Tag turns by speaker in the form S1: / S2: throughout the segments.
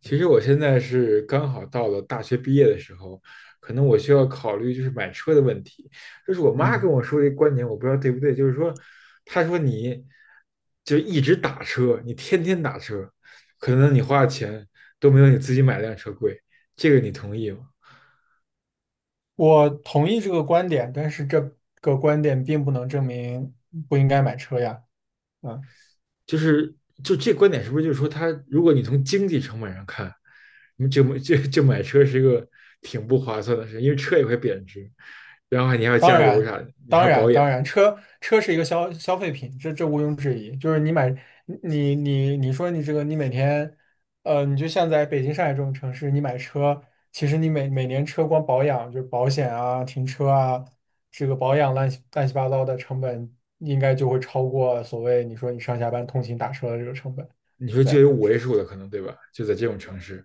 S1: 其实我现在是刚好到了大学毕业的时候，可能我需要考虑就是买车的问题。就是我妈跟
S2: 嗯，
S1: 我说这个观点，我不知道对不对。就是说，她说你就一直打车，你天天打车，可能你花的钱都没有你自己买辆车贵。这个你同意吗？
S2: 我同意这个观点，但是这个观点并不能证明不应该买车呀。嗯，
S1: 就是这观点是不是就是说他，如果你从经济成本上看，你就就就买车是一个挺不划算的事，因为车也会贬值，然后你还要
S2: 当
S1: 加油
S2: 然，
S1: 啥的，你还
S2: 当
S1: 要保
S2: 然，
S1: 养。
S2: 当然，车是一个消费品，这毋庸置疑。就是你买，你说你这个，你每天，你就像在北京、上海这种城市，你买车，其实你每年车光保养，就是保险啊、停车啊，这个保养乱七乱七八糟的成本，应该就会超过所谓你说你上下班通勤打车的这个成本。
S1: 你说就
S2: 对。
S1: 有五位数的可能，对吧？就在这种城市，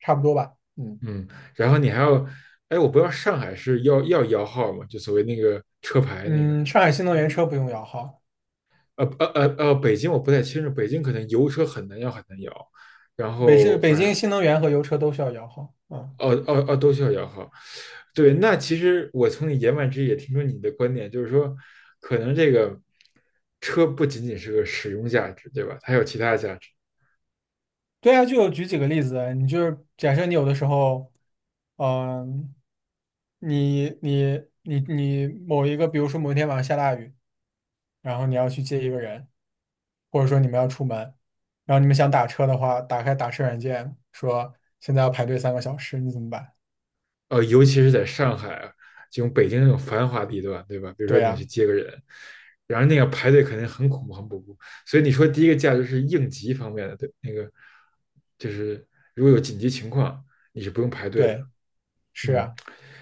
S2: 差不多吧。嗯。
S1: 嗯，然后你还要，哎，我不知道上海是要要摇号吗？就所谓那个车牌那个，
S2: 嗯，上海新能源车不用摇号。
S1: 北京我不太清楚，北京可能油车很难摇，很难摇，然后
S2: 北
S1: 反
S2: 京
S1: 正
S2: 新能源和油车都需要摇号。嗯，
S1: 哦哦哦都需要摇号。对，
S2: 对。
S1: 那其实我从你言外之意也听出你的观点，就是说，可能这个车不仅仅是个使用价值，对吧？它有其他价值。
S2: 对啊，就举几个例子啊，你就是假设你有的时候，嗯、你某一个，比如说某一天晚上下大雨，然后你要去接一个人，或者说你们要出门，然后你们想打车的话，打开打车软件，说现在要排队3个小时，你怎么办？
S1: 呃，尤其是在上海啊，这种北京那种繁华地段，对吧？比如说
S2: 对
S1: 你要去
S2: 呀、
S1: 接个人，然后那个排队肯定很恐怖，很恐怖。所以你说第一个价值是应急方面的，对，那个就是如果有紧急情况，你是不用排队的。
S2: 对，是
S1: 嗯，
S2: 啊，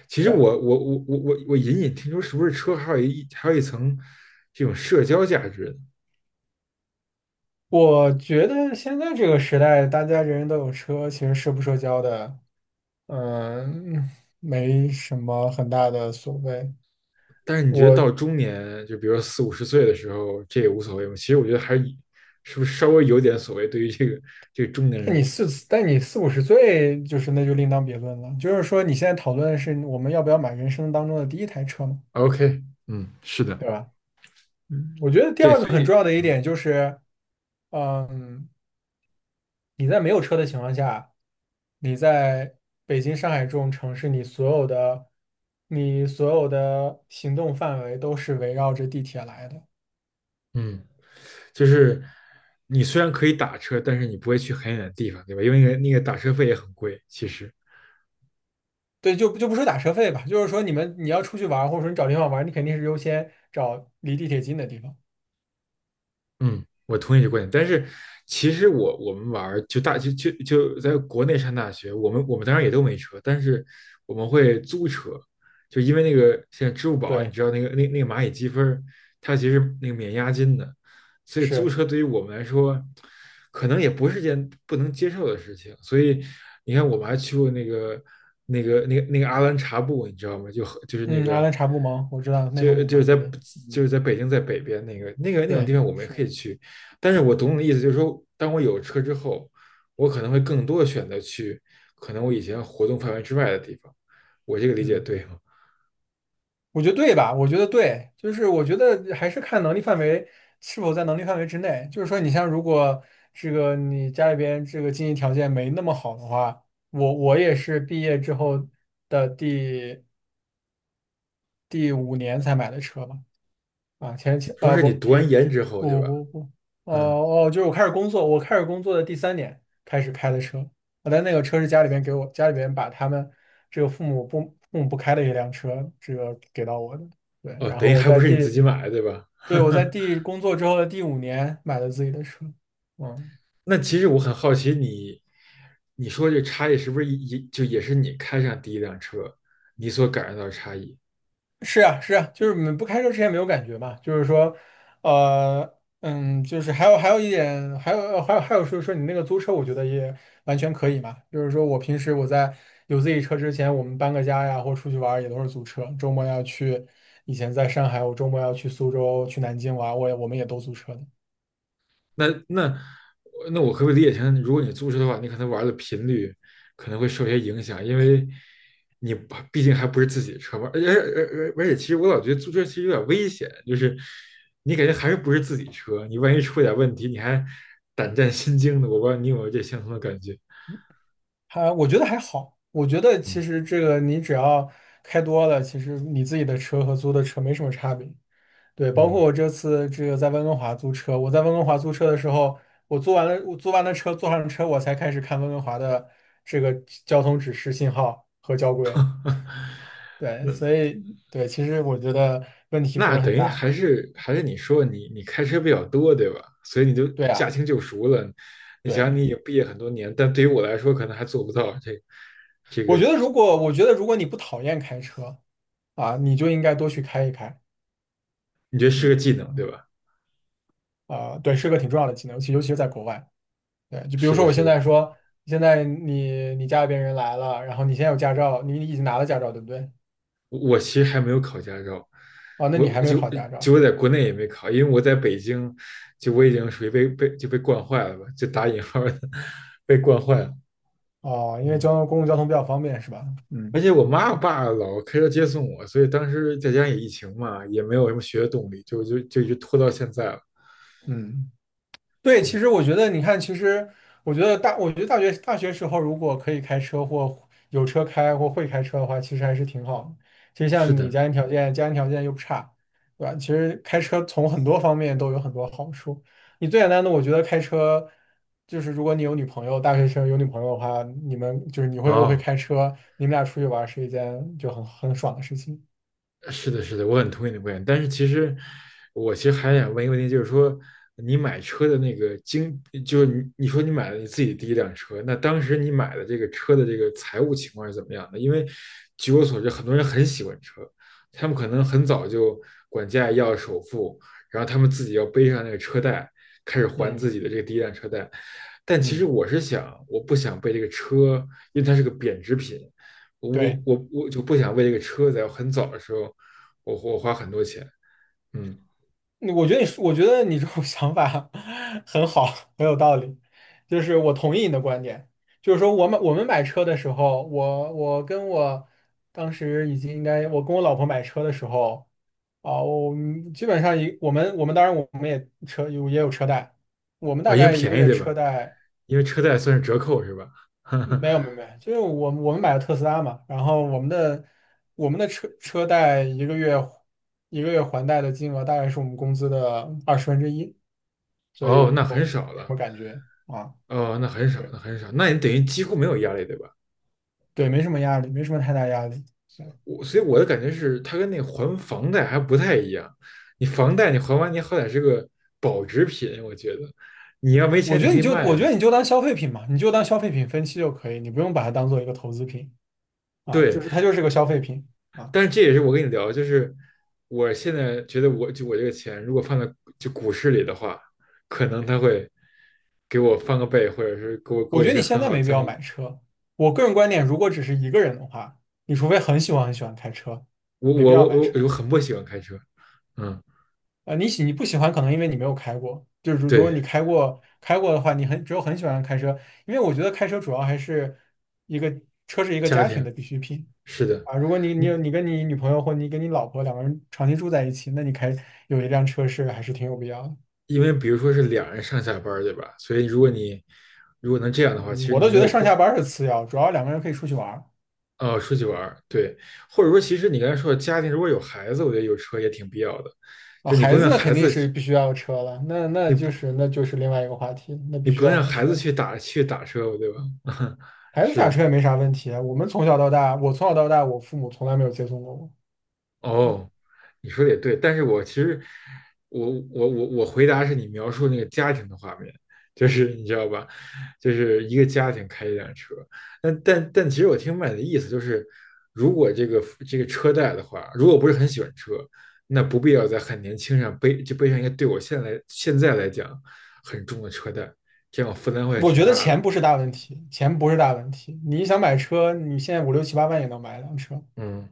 S1: 其实
S2: 对。
S1: 我隐隐听说，是不是车还有一层这种社交价值？
S2: 我觉得现在这个时代，大家人人都有车，其实社不社交的，嗯，没什么很大的所谓。
S1: 但是你觉得
S2: 我，
S1: 到中年，就比如说四五十岁的时候，这也无所谓吗？其实我觉得还是以是不是稍微有点所谓对于这个中年人。
S2: 但你四五十岁，就是那就另当别论了。就是说，你现在讨论的是我们要不要买人生当中的第一台车嘛，
S1: OK，嗯，是的。
S2: 对吧？嗯，我觉得第
S1: 对，
S2: 二个
S1: 所
S2: 很重
S1: 以
S2: 要的一点就是，嗯。你在没有车的情况下，你在北京、上海这种城市，你所有的行动范围都是围绕着地铁来的。
S1: 嗯，就是你虽然可以打车，但是你不会去很远的地方，对吧？因为那个打车费也很贵，其实。
S2: 对，就不说打车费吧，就是说你们你要出去玩儿，或者说你找地方玩儿，你肯定是优先找离地铁近的地方。
S1: 嗯，我同意这个观点。但是其实我们玩儿就在国内上大学，我们当然也都没车，但是我们会租车，就因为那个现在支付宝，你
S2: 对，
S1: 知道那个那个蚂蚁积分儿它其实那个免押金的，所以租
S2: 是，
S1: 车对于我们来说，可能也不是件不能接受的事情。所以你看，我们还去过那个阿兰察布，你知道吗？就是那
S2: 嗯，阿
S1: 个，
S2: 兰察布盟我知道内蒙
S1: 就
S2: 古
S1: 就是
S2: 嘛
S1: 在
S2: 那边，
S1: 就
S2: 嗯，
S1: 是在北京在北边那个那种地
S2: 对，
S1: 方，我们也可以
S2: 是，
S1: 去。但是我懂你的意思，就是说，当我有车之后，我可能会更多的选择去可能我以前活动范围之外的地方。我这个理解
S2: 嗯。
S1: 对吗？
S2: 我觉得对吧？我觉得对，就是我觉得还是看能力范围是否在能力范围之内。就是说，你像如果这个你家里边这个经济条件没那么好的话，我也是毕业之后的第五年才买的车嘛。啊，前
S1: 你
S2: 前
S1: 说
S2: 啊
S1: 是
S2: 不，
S1: 你读
S2: 第
S1: 完研之后，对
S2: 不
S1: 吧？
S2: 不不，哦
S1: 嗯，
S2: 哦，我开始工作的第3年开始开的车，我的那个车是家里边把他们这个父母不开的一辆车，这个给到我的，对，
S1: 哦，
S2: 然
S1: 等
S2: 后
S1: 于
S2: 我
S1: 还不
S2: 在
S1: 是你
S2: 第，
S1: 自己买的，对吧？
S2: 对我在 工作之后的第五年买了自己的车，嗯。
S1: 那其实我很好奇你，你说这差异是不是也就也是你开上第一辆车，你所感受到的差异？
S2: 是啊，是啊，就是们不开车之前没有感觉嘛，就是说，呃，就是还有一点，还有说说你那个租车，我觉得也完全可以嘛。就是说我平时我在有自己车之前，我们搬个家呀，或出去玩儿也都是租车。周末要去，以前在上海，我周末要去苏州、去南京玩儿，我们也都租车的。
S1: 那那那我可不可以理解成，如果你租车的话，你可能玩的频率可能会受些影响，因为你不毕竟还不是自己的车嘛。而且，其实我老觉得租车其实有点危险，就是你感觉还是不是自己车，你万一出点问题，你还胆战心惊的。我不知道你有没有这相同的感觉？
S2: 我觉得还好，我觉得其
S1: 嗯
S2: 实这个你只要开多了，其实你自己的车和租的车没什么差别。对，包括
S1: 嗯。
S2: 我这次这个在温哥华租车，我在温哥华租车的时候，我租完了车，坐上车，我才开始看温哥华的这个交通指示信号和交规。对，
S1: 那
S2: 所以对，其实我觉得问题不
S1: 那
S2: 是
S1: 等
S2: 很
S1: 于
S2: 大。
S1: 还是还是你说你你开车比较多，对吧？所以你就
S2: 对
S1: 驾
S2: 啊，
S1: 轻就熟了。你想想，
S2: 对，
S1: 你已经毕业很多年，但对于我来说，可能还做不到这个。
S2: 我觉得如果你不讨厌开车啊，你就应该多去开一开。
S1: 你觉得是个
S2: 嗯，
S1: 技能，对吧？
S2: 啊、对，是个挺重要的技能，尤其是在国外。对，就比如
S1: 是
S2: 说
S1: 的，
S2: 我
S1: 是
S2: 现在
S1: 的。
S2: 说，现在你你家里边人来了，然后你现在有驾照，你已经拿了驾照，对不对？
S1: 我其实还没有考驾照，
S2: 哦，那
S1: 我
S2: 你还没
S1: 就
S2: 考驾
S1: 就
S2: 照。
S1: 我在国内也没考，因为我在北京，就我已经属于被惯坏了吧，就打引号的 被惯坏了。
S2: 哦，因为交通
S1: 嗯
S2: 公共交通比较方便是吧？
S1: 而
S2: 嗯。
S1: 且我妈我爸老开车接送我，所以当时在家也疫情嘛，也没有什么学的动力，就就就一直拖到现在了。
S2: 嗯，对，
S1: 嗯，
S2: 其实我觉得你看，其实我觉得大学时候如果可以开车或有车开或会开车的话，其实还是挺好的。其实
S1: 是
S2: 像你
S1: 的。
S2: 家庭条件又不差，对吧？其实开车从很多方面都有很多好处。你最简单的，我觉得开车就是如果你有女朋友，大学生有女朋友的话，你们就是你会不会
S1: 哦。
S2: 开车，你们俩出去玩儿是一件就很爽的事情。
S1: 是的，是的，我很同意你的观点。但是其实，我其实还想问一个问题，就是说，你买车的那个经，就是你说你买了你自己第一辆车，那当时你买的这个车的这个财务情况是怎么样的？因为据我所知，很多人很喜欢车，他们可能很早就管家里要首付，然后他们自己要背上那个车贷，开始还自
S2: 嗯。
S1: 己的这个第一辆车贷。但其实
S2: 嗯。
S1: 我是想，我不想被这个车，因为它是个贬值品。我
S2: 对，
S1: 我我就不想为这个车在我很早的时候我花很多钱。嗯，
S2: 我觉得你这种想法 很好，很有道理。就是我同意你的观点，就是说我买我们买车的时候，我我跟我当时已经应该，我跟我老婆买车的时候，啊、我们基本上一我们当然我们也有车贷，我们
S1: 哦，
S2: 大
S1: 因为
S2: 概一个
S1: 便宜
S2: 月
S1: 对
S2: 车
S1: 吧？
S2: 贷
S1: 因为车贷算是折扣是吧？
S2: 没有没有没有，就是我们买了特斯拉嘛，然后我们的车贷一个月还贷的金额大概是我们工资的1/20。所
S1: 哦，
S2: 以
S1: 那
S2: 就
S1: 很少
S2: 没什
S1: 了。
S2: 么感觉啊，
S1: 哦，那很少，那
S2: 是。
S1: 很少，那你等于几乎没有压力对吧？
S2: 对，没什么压力，没什么太大压力。对，
S1: 我所以我的感觉是，它跟那还房贷还不太一样。你房贷你还完，你好歹是个保值品，我觉得你要没
S2: 我
S1: 钱
S2: 觉
S1: 你
S2: 得
S1: 可以
S2: 你就
S1: 卖
S2: 我
S1: 的。
S2: 觉得你就当消费品嘛，你就当消费品分期就可以，你不用把它当做一个投资品啊，就
S1: 对，
S2: 是它就是个消费品啊。
S1: 但是这也是我跟你聊，就是我现在觉得我这个钱如果放在就股市里的话，可能他会给我翻个倍，或者是给我
S2: 我
S1: 一
S2: 觉得
S1: 些
S2: 你现
S1: 很
S2: 在
S1: 好的
S2: 没必
S1: 增
S2: 要
S1: 益。
S2: 买车。我个人观点，如果只是一个人的话，你除非很喜欢很喜欢开车，
S1: 我
S2: 没必
S1: 我
S2: 要
S1: 我
S2: 买
S1: 我
S2: 车。
S1: 我很不喜欢开车。嗯，
S2: 呃，你不喜欢，可能因为你没有开过。就是如果你
S1: 对，
S2: 开过开过的话，你很只有很喜欢开车，因为我觉得开车主要还是一个车是一个
S1: 家
S2: 家庭
S1: 庭
S2: 的必需品。
S1: 是的。
S2: 啊，如果你你
S1: 嗯，
S2: 有你跟你女朋友或你跟你老婆两个人长期住在一起，那你开有一辆车是还是挺有必要的。
S1: 因为比如说是两人上下班儿对吧？所以如果你如果能这样的话，其
S2: 嗯，
S1: 实
S2: 我
S1: 你
S2: 都
S1: 没
S2: 觉得
S1: 有
S2: 上下
S1: 空。
S2: 班儿是次要，主要两个人可以出去玩儿
S1: 啊出去玩儿对，或者说其实你刚才说的家庭如果有孩子，我觉得有车也挺必要的，
S2: 啊。
S1: 就你不
S2: 孩
S1: 用
S2: 子
S1: 让
S2: 呢
S1: 孩
S2: 肯定
S1: 子，
S2: 是必须要有车了，
S1: 你不
S2: 那就是另外一个话题了，那
S1: 你
S2: 必
S1: 不
S2: 须
S1: 能
S2: 要
S1: 让
S2: 买
S1: 孩
S2: 车
S1: 子
S2: 了。
S1: 去打车，吧，对吧？
S2: 孩子
S1: 是
S2: 打车
S1: 的。
S2: 也没啥问题啊，我从小到大，我父母从来没有接送过我。嗯，
S1: 哦，你说的也对，但是我其实我回答是你描述那个家庭的画面，就是你知道吧，就是一个家庭开一辆车，但其实我听麦的意思就是，如果这个车贷的话，如果不是很喜欢车，那不必要在很年轻上背就背上一个对我现在来讲很重的车贷，这样负担会
S2: 我
S1: 挺
S2: 觉得
S1: 大
S2: 钱
S1: 的。
S2: 不是大问题，钱不是大问题。你想买车，你现在五六七八万也能买一辆车。
S1: 嗯。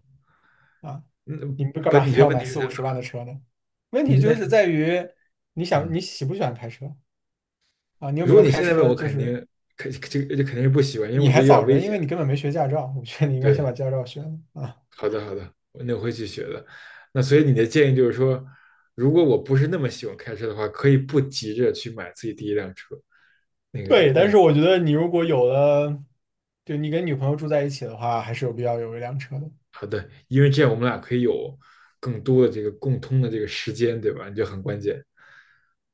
S2: 啊，
S1: 那
S2: 你们干
S1: 本
S2: 嘛
S1: 你
S2: 非
S1: 这得
S2: 要
S1: 问
S2: 买
S1: 题是？
S2: 四五十万的车呢？问题
S1: 嗯
S2: 就
S1: 那
S2: 是在于
S1: 嗯，
S2: 你喜不喜欢开车啊？你有
S1: 如
S2: 没
S1: 果
S2: 有
S1: 你
S2: 开
S1: 现在问
S2: 车？
S1: 我，
S2: 就
S1: 肯
S2: 是
S1: 定肯这个这肯定是不喜欢，因为
S2: 你
S1: 我觉
S2: 还
S1: 得有点
S2: 早
S1: 危
S2: 着，因
S1: 险。
S2: 为你根本没学驾照。我觉得你应该先把
S1: 对，
S2: 驾照学了啊。
S1: 好的好的，那我会去学的。那所以你的建议就是说，如果我不是那么喜欢开车的话，可以不急着去买自己第一辆车。那个
S2: 对，
S1: 那
S2: 但
S1: 个，
S2: 是我觉得你如果有了，就你跟女朋友住在一起的话，还是有必要有一辆车的。
S1: 好的，因为这样我们俩可以有更多的这个共通的这个时间，对吧？你就很关键，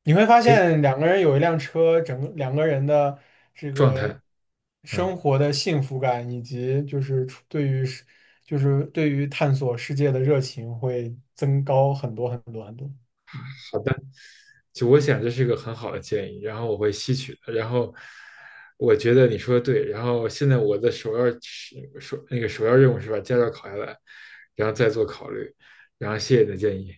S2: 你会发
S1: 可以
S2: 现两个人有一辆车，整个两个人的这
S1: 状
S2: 个
S1: 态。
S2: 生
S1: 嗯，
S2: 活的幸福感，以及就是出对于世就是对于探索世界的热情会增高很多很多很多。嗯
S1: 好的。就我想这是一个很好的建议，然后我会吸取的。然后我觉得你说的对，然后现在我的首要是首那个首要任务是把驾照考下来，然后再做考虑。然后谢谢你的建议。